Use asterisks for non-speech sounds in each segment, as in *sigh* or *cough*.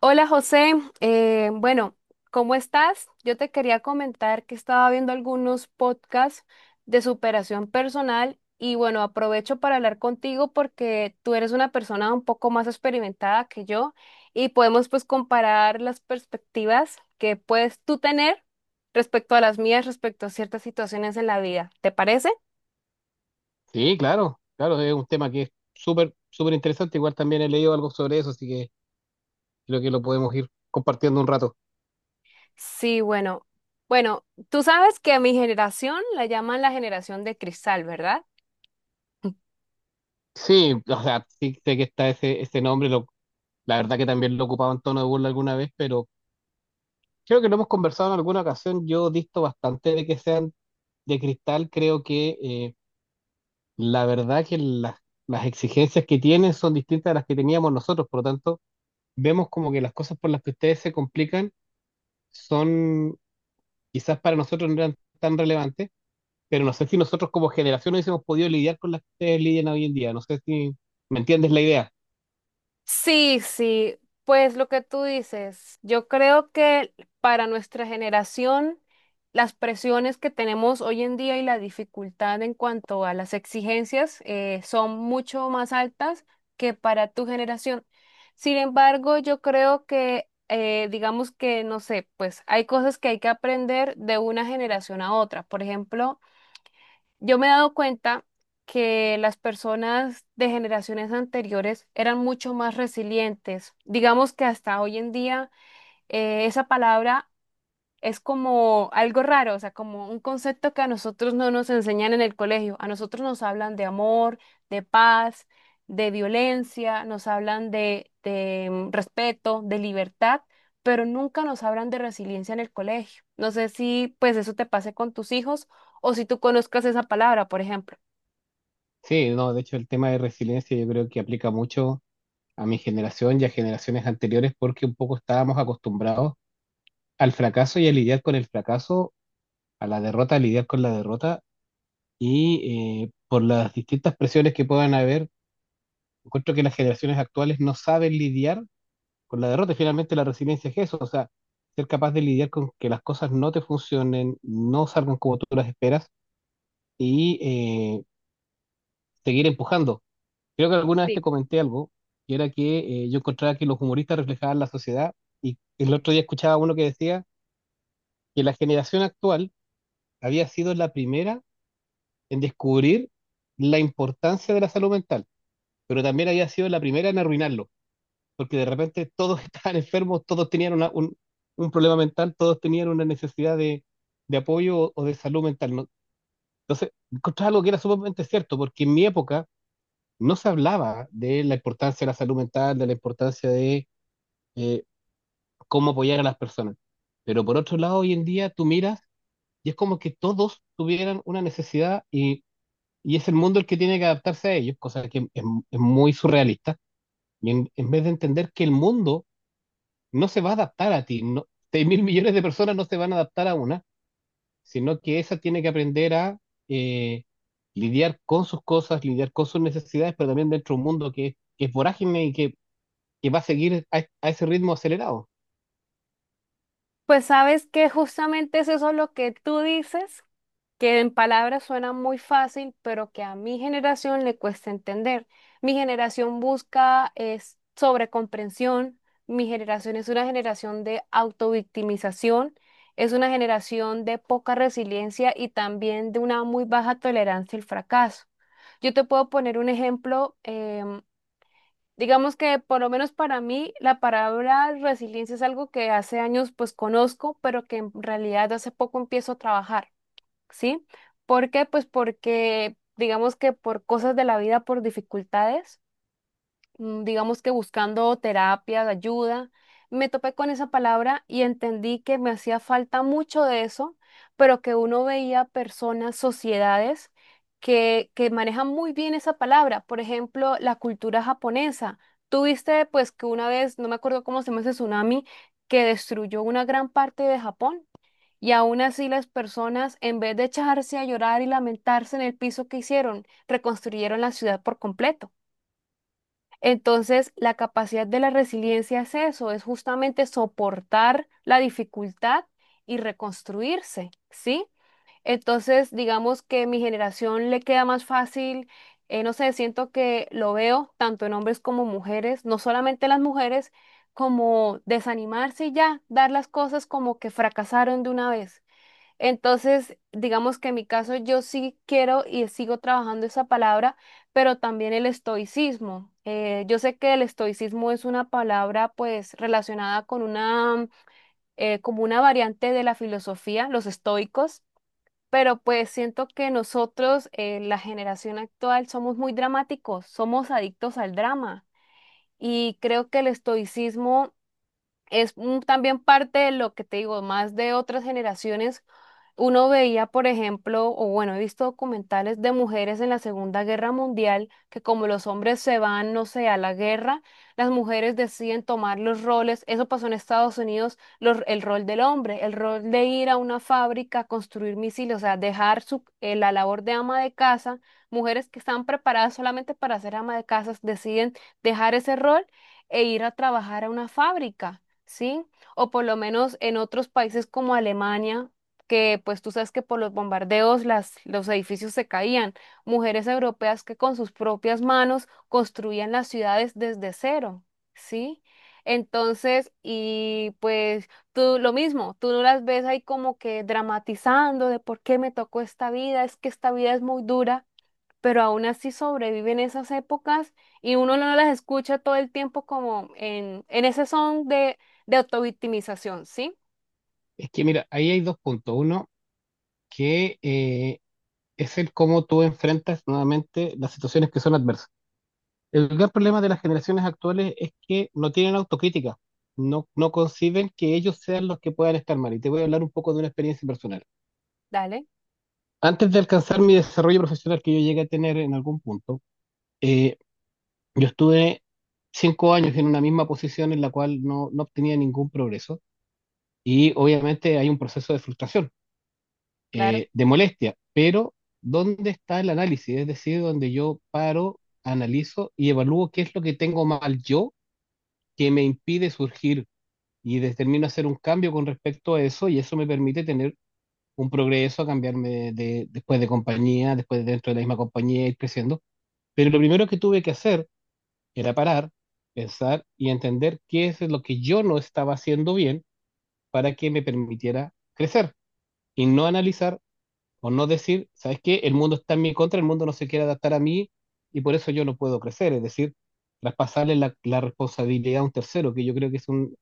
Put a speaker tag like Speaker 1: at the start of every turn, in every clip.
Speaker 1: Hola José, Eh, bueno, ¿cómo estás? Yo te quería comentar que estaba viendo algunos podcasts de superación personal y bueno, aprovecho para hablar contigo porque tú eres una persona un poco más experimentada que yo y podemos pues comparar las perspectivas que puedes tú tener respecto a las mías, respecto a ciertas situaciones en la vida. ¿Te parece?
Speaker 2: Sí, claro, claro, es un tema que es súper, súper interesante. Igual también he leído algo sobre eso, así que creo que lo podemos ir compartiendo un rato.
Speaker 1: Sí, bueno, tú sabes que a mi generación la llaman la generación de cristal, ¿verdad? *laughs*
Speaker 2: Sí, o sea, sí sé que está ese nombre, la verdad que también lo ocupaba en tono de burla alguna vez, pero creo que lo hemos conversado en alguna ocasión. Yo disto bastante de que sean de cristal, creo que la verdad que las exigencias que tienen son distintas a las que teníamos nosotros, por lo tanto, vemos como que las cosas por las que ustedes se complican son, quizás para nosotros no eran tan relevantes, pero no sé si nosotros como generación hubiésemos podido lidiar con las que ustedes lidian hoy en día. No sé si me entiendes la idea.
Speaker 1: Sí, pues lo que tú dices, yo creo que para nuestra generación, las presiones que tenemos hoy en día y la dificultad en cuanto a las exigencias son mucho más altas que para tu generación. Sin embargo, yo creo que, digamos que, no sé, pues hay cosas que hay que aprender de una generación a otra. Por ejemplo, yo me he dado cuenta que las personas de generaciones anteriores eran mucho más resilientes. Digamos que hasta hoy en día esa palabra es como algo raro, o sea, como un concepto que a nosotros no nos enseñan en el colegio. A nosotros nos hablan de amor, de paz, de violencia, nos hablan de respeto, de libertad, pero nunca nos hablan de resiliencia en el colegio. No sé si pues eso te pase con tus hijos o si tú conozcas esa palabra, por ejemplo.
Speaker 2: Sí, no, de hecho el tema de resiliencia yo creo que aplica mucho a mi generación y a generaciones anteriores porque un poco estábamos acostumbrados al fracaso y a lidiar con el fracaso, a la derrota, a lidiar con la derrota y por las distintas presiones que puedan haber, encuentro que las generaciones actuales no saben lidiar con la derrota. Y finalmente la resiliencia es eso, o sea, ser capaz de lidiar con que las cosas no te funcionen, no salgan como tú las esperas y seguir empujando. Creo que alguna vez te
Speaker 1: Sí.
Speaker 2: comenté algo, que era que yo encontraba que los humoristas reflejaban la sociedad y el otro día escuchaba uno que decía que la generación actual había sido la primera en descubrir la importancia de la salud mental, pero también había sido la primera en arruinarlo, porque de repente todos *laughs* estaban enfermos, todos tenían un problema mental, todos tenían una necesidad de apoyo o de salud mental, ¿no? Entonces, encontraba algo que era sumamente cierto, porque en mi época, no se hablaba de la importancia de la salud mental, de la importancia de eh, cómo apoyar a las personas. Pero por otro lado, hoy en día tú miras y es como que todos tuvieran una necesidad y es el mundo el que tiene que adaptarse a ellos, cosa que es muy surrealista. Y en vez de entender que el mundo no se va a adaptar a ti, no, 6 mil millones de personas no se van a adaptar a una, sino que esa tiene que aprender a eh, lidiar con sus cosas, lidiar con sus necesidades, pero también dentro de un mundo que es vorágine y que va a seguir a ese ritmo acelerado.
Speaker 1: Pues sabes que justamente es eso lo que tú dices, que en palabras suena muy fácil, pero que a mi generación le cuesta entender. Mi generación busca es sobrecomprensión, mi generación es una generación de autovictimización, es una generación de poca resiliencia y también de una muy baja tolerancia al fracaso. Yo te puedo poner un ejemplo, digamos que por lo menos para mí la palabra resiliencia es algo que hace años pues conozco, pero que en realidad hace poco empiezo a trabajar. ¿Sí? ¿Por qué? Pues porque digamos que por cosas de la vida, por dificultades, digamos que buscando terapia, ayuda, me topé con esa palabra y entendí que me hacía falta mucho de eso, pero que uno veía personas, sociedades que manejan muy bien esa palabra. Por ejemplo, la cultura japonesa. Tuviste pues que una vez, no me acuerdo cómo se llama ese tsunami, que destruyó una gran parte de Japón. Y aún así las personas, en vez de echarse a llorar y lamentarse en el piso que hicieron, reconstruyeron la ciudad por completo. Entonces, la capacidad de la resiliencia es eso, es justamente soportar la dificultad y reconstruirse, ¿sí? Entonces, digamos que mi generación le queda más fácil, no sé, siento que lo veo tanto en hombres como mujeres, no solamente las mujeres, como desanimarse y ya, dar las cosas como que fracasaron de una vez. Entonces, digamos que en mi caso yo sí quiero y sigo trabajando esa palabra, pero también el estoicismo. Yo sé que el estoicismo es una palabra pues relacionada con una, como una variante de la filosofía, los estoicos, pero pues siento que nosotros, la generación actual, somos muy dramáticos, somos adictos al drama. Y creo que el estoicismo también parte de lo que te digo, más de otras generaciones. Uno veía, por ejemplo, o bueno, he visto documentales de mujeres en la Segunda Guerra Mundial que como los hombres se van, no sé, a la guerra, las mujeres deciden tomar los roles. Eso pasó en Estados Unidos, el rol del hombre, el rol de ir a una fábrica a construir misiles, o sea, dejar su, la labor de ama de casa. Mujeres que están preparadas solamente para ser ama de casa deciden dejar ese rol e ir a trabajar a una fábrica. ¿Sí? O por lo menos en otros países como Alemania, que pues tú sabes que por los bombardeos los edificios se caían, mujeres europeas que con sus propias manos construían las ciudades desde cero, ¿sí? Entonces, y pues tú lo mismo, tú no las ves ahí como que dramatizando de por qué me tocó esta vida, es que esta vida es muy dura, pero aún así sobreviven esas épocas y uno no las escucha todo el tiempo como en ese son de autovictimización, ¿sí?
Speaker 2: Es que, mira, ahí hay dos puntos. Uno, que es el cómo tú enfrentas nuevamente las situaciones que son adversas. El gran problema de las generaciones actuales es que no tienen autocrítica, no, no conciben que ellos sean los que puedan estar mal. Y te voy a hablar un poco de una experiencia personal.
Speaker 1: Dale,
Speaker 2: Antes de alcanzar mi desarrollo profesional que yo llegué a tener en algún punto, eh, yo estuve 5 años en una misma posición en la cual no, no obtenía ningún progreso. Y obviamente hay un proceso de frustración,
Speaker 1: claro.
Speaker 2: de molestia, pero ¿dónde está el análisis? Es decir, donde yo paro, analizo y evalúo qué es lo que tengo mal yo que me impide surgir y determino hacer un cambio con respecto a eso y eso me permite tener un progreso, cambiarme después de compañía, después de dentro de la misma compañía, ir creciendo. Pero lo primero que tuve que hacer era parar, pensar y entender qué es lo que yo no estaba haciendo bien para que me permitiera crecer y no analizar. O no decir, ¿sabes qué? El mundo está en mi contra, el mundo no se quiere adaptar a mí y por eso yo no puedo crecer. Es decir, traspasarle la responsabilidad a un tercero, que yo creo que es, un,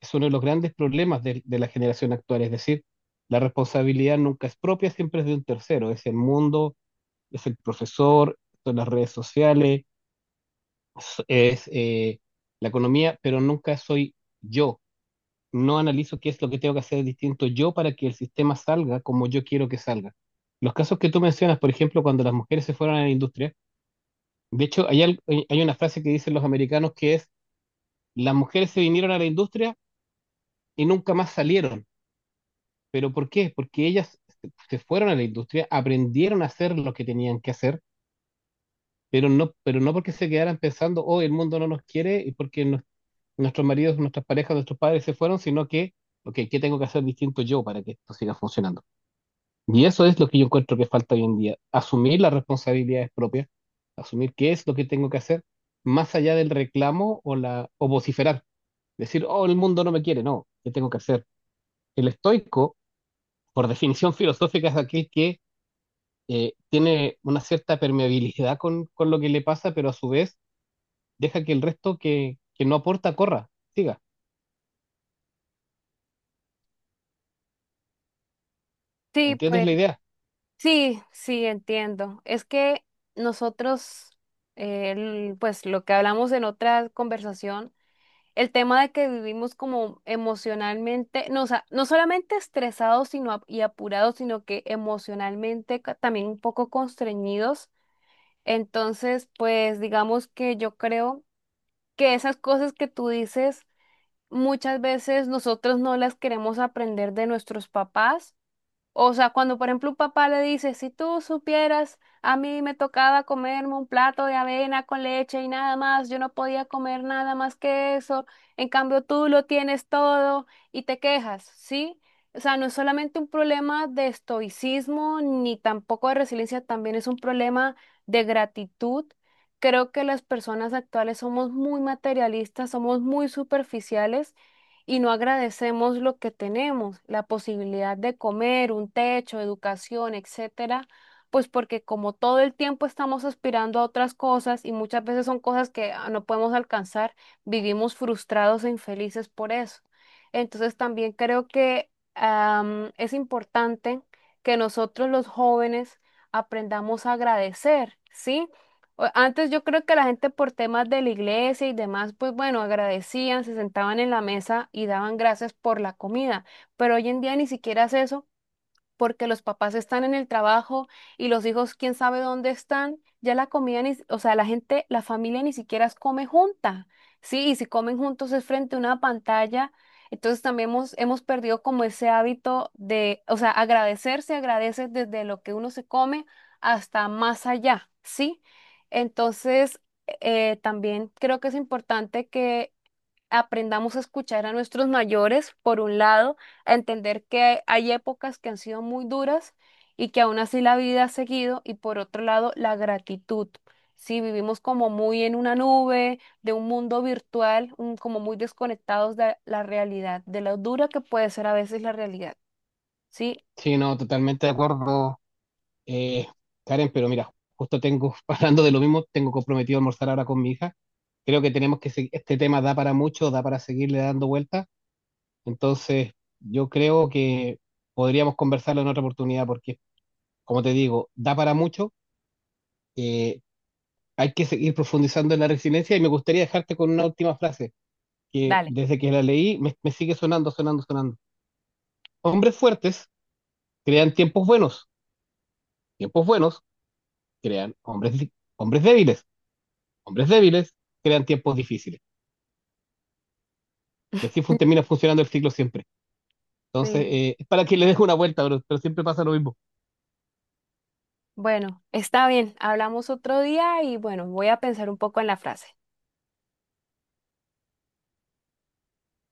Speaker 2: es uno de los grandes problemas de la generación actual. Es decir, la responsabilidad nunca es propia, siempre es de un tercero. Es el mundo, es el profesor, son las redes sociales, es, es, eh, la economía, pero nunca soy yo. No analizo qué es lo que tengo que hacer distinto yo para que el sistema salga como yo quiero que salga. Los casos que tú mencionas, por ejemplo, cuando las mujeres se fueron a la industria, de hecho, hay, hay una frase que dicen los americanos que es, las mujeres se vinieron a la industria y nunca más salieron. ¿Pero por qué? Porque ellas se fueron a la industria, aprendieron a hacer lo que tenían que hacer, pero no porque se quedaran pensando, oh, el mundo no nos quiere y porque nuestros maridos, nuestras parejas, nuestros padres se fueron, sino que, ok, ¿qué tengo que hacer distinto yo para que esto siga funcionando? Y eso es lo que yo encuentro que falta hoy en día, asumir las responsabilidades propias, asumir qué es lo que tengo que hacer, más allá del reclamo o la o vociferar, decir, oh, el mundo no me quiere, no, ¿qué tengo que hacer? El estoico, por definición *laughs* filosófica, es aquel que tiene una cierta permeabilidad con lo que le pasa, pero a su vez deja que el resto que no aporta corra, siga. ¿Me
Speaker 1: Sí,
Speaker 2: entiendes
Speaker 1: pues
Speaker 2: la idea?
Speaker 1: sí, entiendo. Es que nosotros, pues lo que hablamos en otra conversación, el tema de que vivimos como emocionalmente, no, o sea, no solamente estresados sino, y apurados, sino que emocionalmente también un poco constreñidos. Entonces, pues digamos que yo creo que esas cosas que tú dices, muchas veces nosotros no las queremos aprender de nuestros papás, o sea, cuando por ejemplo un papá le dice, si tú supieras, a mí me tocaba comerme un plato de avena con leche y nada más, yo no podía comer nada más que eso, en cambio tú lo tienes todo y te quejas, ¿sí? O sea, no es solamente un problema de estoicismo ni tampoco de resiliencia, también es un problema de gratitud. Creo que las personas actuales somos muy materialistas, somos muy superficiales y no agradecemos lo que tenemos, la posibilidad de comer, un techo, educación, etcétera, pues porque como todo el tiempo estamos aspirando a otras cosas y muchas veces son cosas que no podemos alcanzar, vivimos frustrados e infelices por eso. Entonces también creo que es importante que nosotros los jóvenes aprendamos a agradecer, ¿sí? Antes yo creo que la gente por temas de la iglesia y demás, pues bueno, agradecían, se sentaban en la mesa y daban gracias por la comida, pero hoy en día ni siquiera es eso porque los papás están en el trabajo y los hijos quién sabe dónde están, ya la comida ni, si- o sea, la gente, la familia ni siquiera come junta, ¿sí? Y si comen juntos es frente a una pantalla, entonces también hemos perdido como ese hábito de, o sea, agradecer se agradece desde lo que uno se come hasta más allá, ¿sí? Entonces, también creo que es importante que aprendamos a escuchar a nuestros mayores, por un lado, a entender que hay épocas que han sido muy duras y que aún así la vida ha seguido, y por otro lado, la gratitud. Si vivimos como muy en una nube, de un mundo virtual, como muy desconectados de la realidad, de lo dura que puede ser a veces la realidad. Sí,
Speaker 2: Sí, no, totalmente de acuerdo. Eh, Karen, pero mira, justo tengo, *laughs* hablando de lo mismo, tengo comprometido a almorzar ahora con mi hija. Creo que tenemos que seguir, este tema da para mucho, da para seguirle dando vueltas. Entonces, yo creo que podríamos conversarlo en otra oportunidad porque, como te digo, da para mucho. eh, Hay que seguir profundizando en la resiliencia y me gustaría dejarte con una última frase que
Speaker 1: dale.
Speaker 2: desde que la leí me, me sigue sonando, sonando, sonando. Hombres fuertes crean tiempos buenos crean hombres, hombres débiles. Hombres débiles crean tiempos difíciles. Y así termina funcionando el ciclo siempre. Entonces,
Speaker 1: Sí.
Speaker 2: es para que le deje una vuelta, bro, pero siempre pasa lo mismo.
Speaker 1: Bueno, está bien, hablamos otro día y bueno, voy a pensar un poco en la frase.